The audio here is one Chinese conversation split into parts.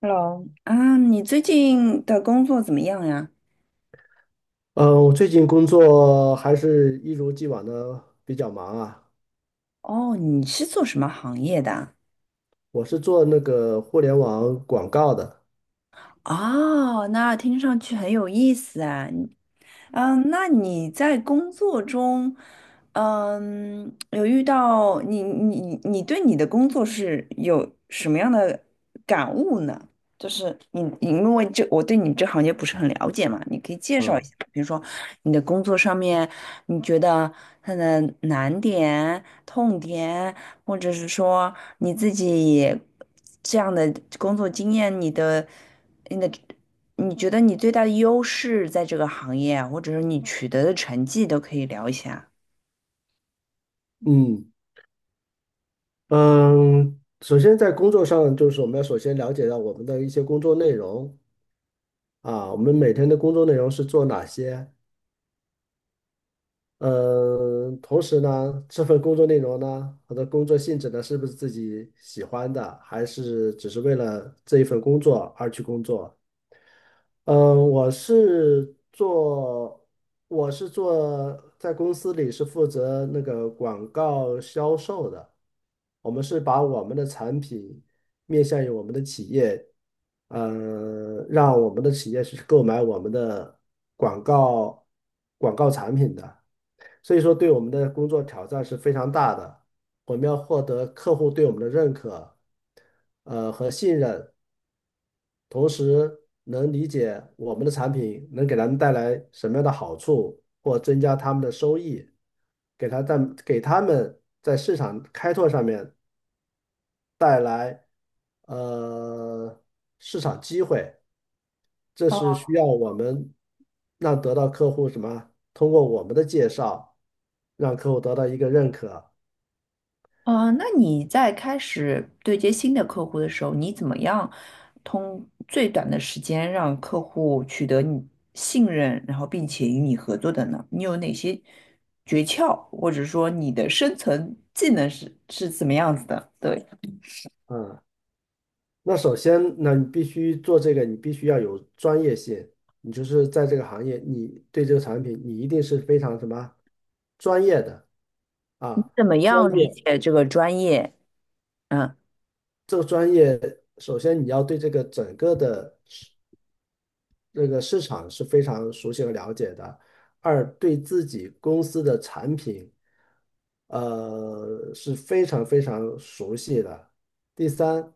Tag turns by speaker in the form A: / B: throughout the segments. A: Hello，啊，你最近的工作怎么样呀？
B: 嗯，我最近工作还是一如既往的比较忙啊。
A: 哦，你是做什么行业的啊。
B: 我是做那个互联网广告的，
A: 哦，那听上去很有意思啊。嗯，那你在工作中，嗯，有遇到你对你的工作是有什么样的感悟呢？就是你因为这我对你这行业不是很了解嘛，你可以介绍一下，
B: 嗯
A: 比如说你的工作上面，你觉得它的难点、痛点，或者是说你自己这样的工作经验，你的。你觉得你最大的优势在这个行业啊或者是你取得的成绩都可以聊一下。
B: 嗯嗯。首先在工作上，就是我们要首先了解到我们的一些工作内容啊，我们每天的工作内容是做哪些？嗯，同时呢，这份工作内容呢，它的工作性质呢，是不是自己喜欢的，还是只是为了这一份工作而去工作？嗯，我是做，我是做在公司里是负责那个广告销售的。我们是把我们的产品面向于我们的企业，让我们的企业去购买我们的广告广告产品的。所以说，对我们的工作挑战是非常大的。我们要获得客户对我们的认可，和信任。同时能理解我们的产品能给他们带来什么样的好处，或增加他们的收益，给他在给他们在市场开拓上面带来呃市场机会，这是需要我们让得到客户什么，通过我们的介绍，让客户得到一个认可。
A: 那你在开始对接新的客户的时候，你怎么样通最短的时间让客户取得你信任，然后并且与你合作的呢？你有哪些诀窍，或者说你的生存技能是怎么样子的？对，
B: 嗯。那首先，那你必须做这个，你必须要有专业性。你就是在这个行业，你对这个产品，你一定是非常什么专业的啊？
A: 怎么
B: 专
A: 样理
B: 业，
A: 解这个专业？嗯，
B: 这个专业，首先你要对这个整个的这个市场是非常熟悉和了解的。二，对自己公司的产品，是非常非常熟悉的。第三，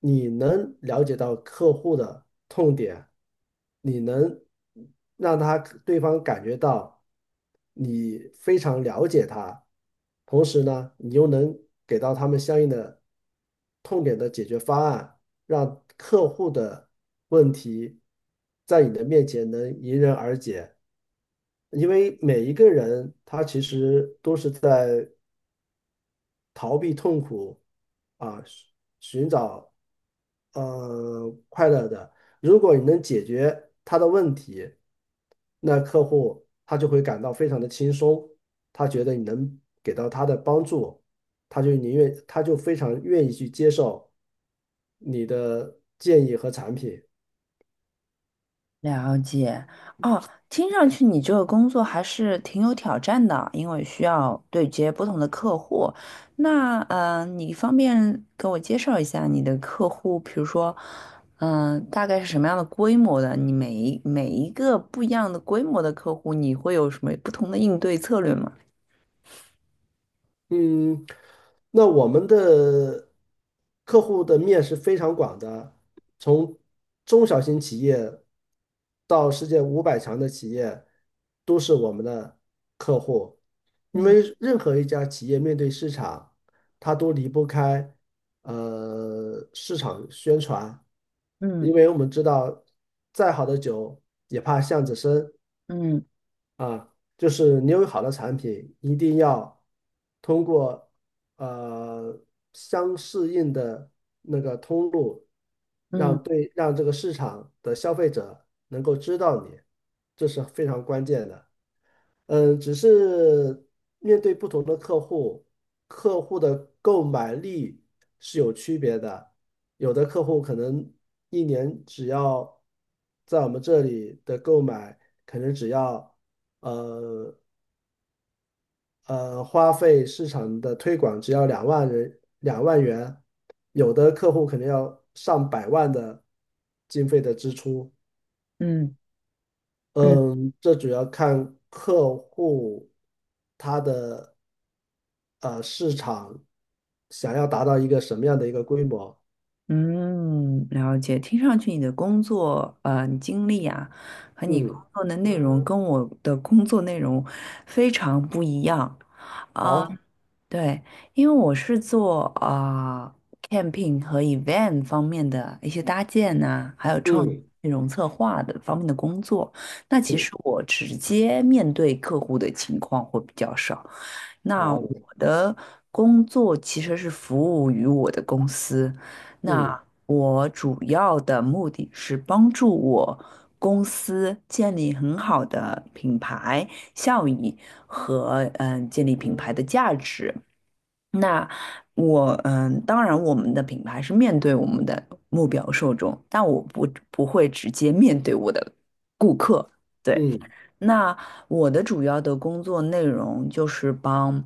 B: 你能了解到客户的痛点，你能让他对方感觉到你非常了解他，同时呢，你又能给到他们相应的痛点的解决方案，让客户的问题在你的面前能迎刃而解。因为每一个人他其实都是在逃避痛苦啊，寻找快乐的。如果你能解决他的问题，那客户他就会感到非常的轻松，他觉得你能给到他的帮助，他就宁愿他就非常愿意去接受你的建议和产品。
A: 了解。哦，听上去你这个工作还是挺有挑战的，因为需要对接不同的客户。那你方便给我介绍一下你的客户，比如说，嗯、大概是什么样的规模的？你每一个不一样的规模的客户，你会有什么不同的应对策略吗？
B: 嗯，那我们的客户的面是非常广的，从中小型企业到世界五百强的企业，都是我们的客户。因
A: 嗯
B: 为任何一家企业面对市场，它都离不开市场宣传。因
A: 嗯
B: 为我们知道，再好的酒也怕巷子深，
A: 嗯
B: 啊，就是你有好的产品，一定要通过呃相适应的那个通路，
A: 嗯
B: 让这个市场的消费者能够知道你，这是非常关键的。只是面对不同的客户，客户的购买力是有区别的。有的客户可能一年只要在我们这里的购买，可能只要呃花费市场的推广只要2万元，有的客户可能要上百万的经费的支出。
A: 嗯嗯。
B: 嗯，这主要看客户他的市场想要达到一个什么样的一个规模。
A: 嗯，了解。听上去你的工作你经历啊，和你工
B: 嗯，
A: 作的内容跟我的工作内容非常不一样啊。
B: 好，
A: 对，因为我是做camping 和 event 方面的一些搭建呐、还有
B: 嗯
A: 内容策划的方面的工作。那其
B: 嗯，
A: 实我直接面对客户的情况会比较少。那我
B: 好，
A: 的工作其实是服务于我的公司，
B: 嗯
A: 那我主要的目的是帮助我公司建立很好的品牌效益和建立品牌的价值。那我当然我们的品牌是面对我们的目标受众，但我不会直接面对我的顾客。对，
B: 嗯，
A: 那我的主要的工作内容就是帮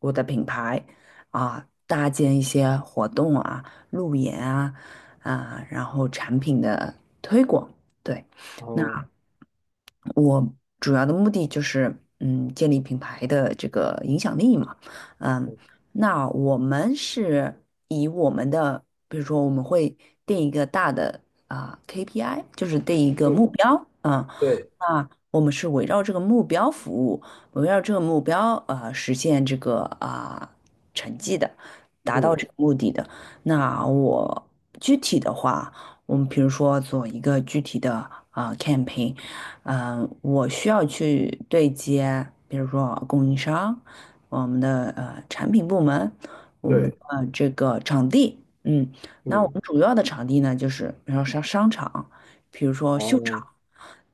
A: 我的品牌啊搭建一些活动啊、路演啊，然后产品的推广。对。那。
B: 好，
A: 我主要的目的就是，建立品牌的这个影响力嘛，嗯，
B: 嗯，
A: 那我们是以我们的，比如说我们会定一个大的KPI，就是定一个目
B: 嗯
A: 标，嗯，
B: 对，
A: 那我们是围绕这个目标服务，围绕这个目标实现这个成绩的，达到
B: 嗯
A: 这个目的的。那我具体的话，我们比如说做一个具体的campaign。我需要去对接，比如说供应商，我们的产品部门，我们
B: 对，
A: 这个场地，嗯，那我
B: 嗯，
A: 们主要的场地呢，就是比如说商场，比如说秀
B: 哦，
A: 场。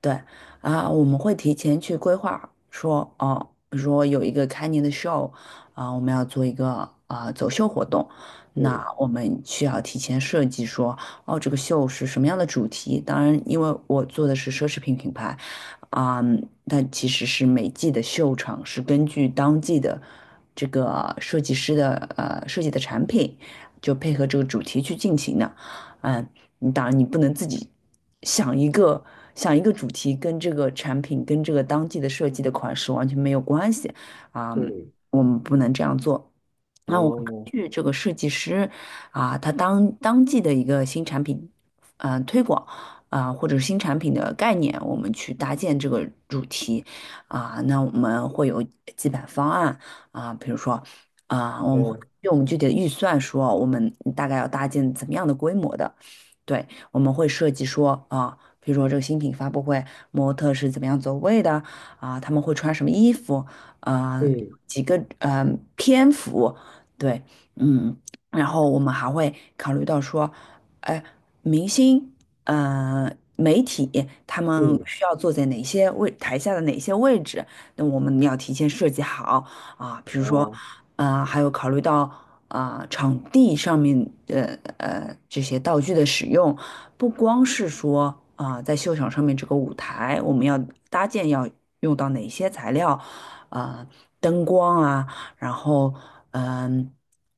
A: 对啊，我们会提前去规划，说哦，比如说有一个开年的 show，啊，我们要做一个走秀活动，那
B: 嗯
A: 我们需要提前设计说，哦，这个秀是什么样的主题？当然，因为我做的是奢侈品品牌，啊，但其实是每季的秀场是根据当季的这个设计师的设计的产品，就配合这个主题去进行的。嗯，你当然你不能自己想一个想一个主题，跟这个产品跟这个当季的设计的款式完全没有关系啊，
B: 嗯，
A: 我们不能这样做。那我们根
B: 哦，
A: 据这个设计师啊，他当季的一个新产品，嗯，推广啊，或者新产品的概念，我们去搭建这个主题啊，那我们会有几版方案啊，比如说啊，我们会。
B: 嗯
A: 据我们具体的预算说，我们大概要搭建怎么样的规模的。对，我们会设计说啊，比如说这个新品发布会，模特是怎么样走位的啊，他们会穿什么衣服啊，
B: 嗯
A: 几个篇幅，对，嗯，然后我们还会考虑到说，哎，明星，呃，媒体他们
B: 嗯，
A: 需要坐在哪些位，台下的哪些位置，那我们要提前设计好啊，比如说，
B: 哦，
A: 还有考虑到。场地上面的这些道具的使用，不光是说在秀场上面这个舞台，我们要搭建要用到哪些材料啊、呃灯光啊，然后嗯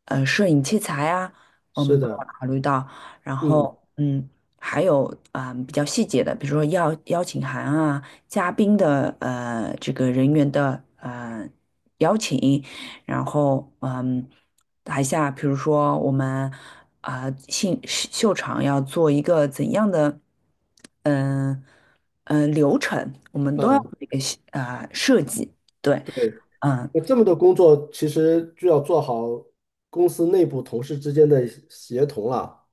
A: 摄影器材啊，我
B: 是
A: 们都要
B: 的，
A: 考虑到，然
B: 嗯
A: 后。还有比较细节的，比如说邀请函啊，嘉宾的这个人员的邀请，然后嗯，台下比如说我们秀场要做一个怎样的嗯流程，我们都要做
B: 嗯，
A: 一个设计，对，
B: 对。
A: 嗯。
B: 那这么多工作，其实就要做好公司内部同事之间的协同了。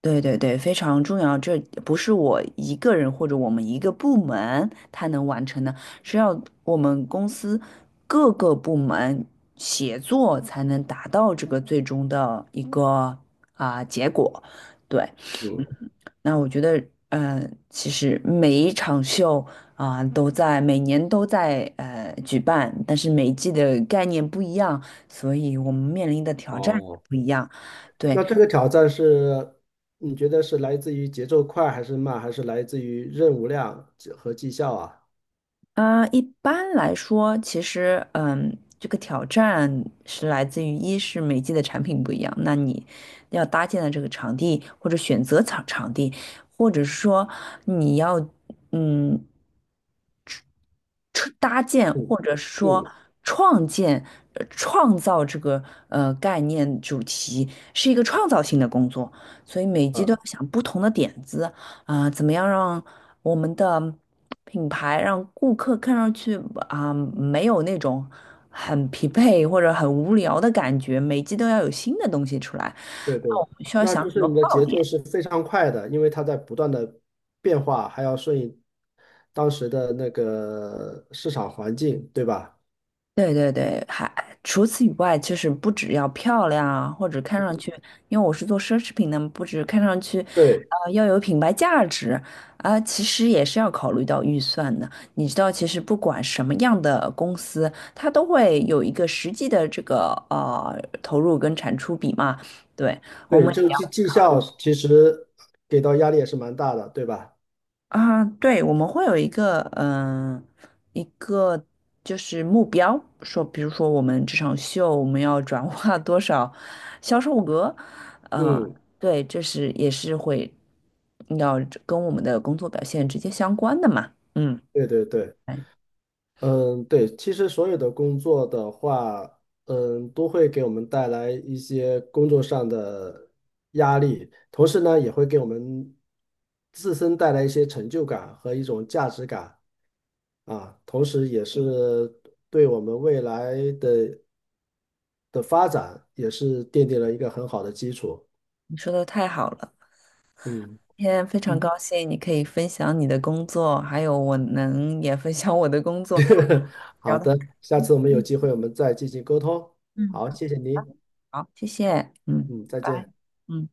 A: 对对对，非常重要。这不是我一个人或者我们一个部门他能完成的，是要我们公司各个部门协作才能达到这个最终的一个结果。对，
B: 嗯，
A: 那我觉得，其实每一场秀都在每年都在举办，但是每一季的概念不一样，所以我们面临的挑战也
B: 哦，
A: 不一样。对。
B: 那这个挑战是，你觉得是来自于节奏快还是慢，还是来自于任务量和绩效啊？
A: 一般来说，其实，这个挑战是来自于一是每季的产品不一样，那你要搭建的这个场地或者选择场地，或者是说你要。嗯，出搭建
B: 嗯
A: 或者是说
B: 嗯
A: 创建、创造这个概念主题是一个创造性的工作，所以每季
B: 啊，
A: 都要想不同的点子啊、怎么样让我们的品牌让顾客看上去啊、没有那种很疲惫或者很无聊的感觉，每季都要有新的东西出来，
B: 对对，
A: 那我们需要
B: 那
A: 想
B: 就
A: 很
B: 是
A: 多
B: 你的
A: 爆
B: 节
A: 点。
B: 奏是非常快的，因为它在不断的变化，还要顺应当时的那个市场环境，对吧？
A: 对对对，还除此以外，就是不只要漂亮啊，或者看上去，因为我是做奢侈品的嘛，不止看上去，
B: 对
A: 啊，要有品牌价值啊，其实也是要考虑到预算的。你知道，其实不管什么样的公司，它都会有一个实际的这个投入跟产出比嘛。对，我
B: 对，
A: 们。
B: 这个绩效其实给到压力也是蛮大的，对吧？
A: 啊，对，我们会有一个，一个就是目标，说，比如说我们这场秀我们要转 化多少销售额，呃，
B: 嗯，
A: 对，这是也是会要跟我们的工作表现直接相关的嘛，嗯，
B: 对对对，
A: 哎，
B: 嗯，对，其实所有的工作的话，嗯，都会给我们带来一些工作上的压力，同时呢，也会给我们自身带来一些成就感和一种价值感啊，同时也是对我们未来的发展也是奠定了一个很好的基础。
A: 你说的太好了，
B: 嗯。
A: 今天非常
B: 嗯。
A: 高兴你可以分享你的工作，还有我能也分享我的工作，聊
B: 好
A: 得很
B: 的，
A: 开
B: 下次我们有
A: 心，
B: 机会我们再进行沟通。
A: 嗯，
B: 好，谢谢您，
A: 好，谢谢，嗯，
B: 嗯，再
A: 拜
B: 见。
A: 拜。嗯。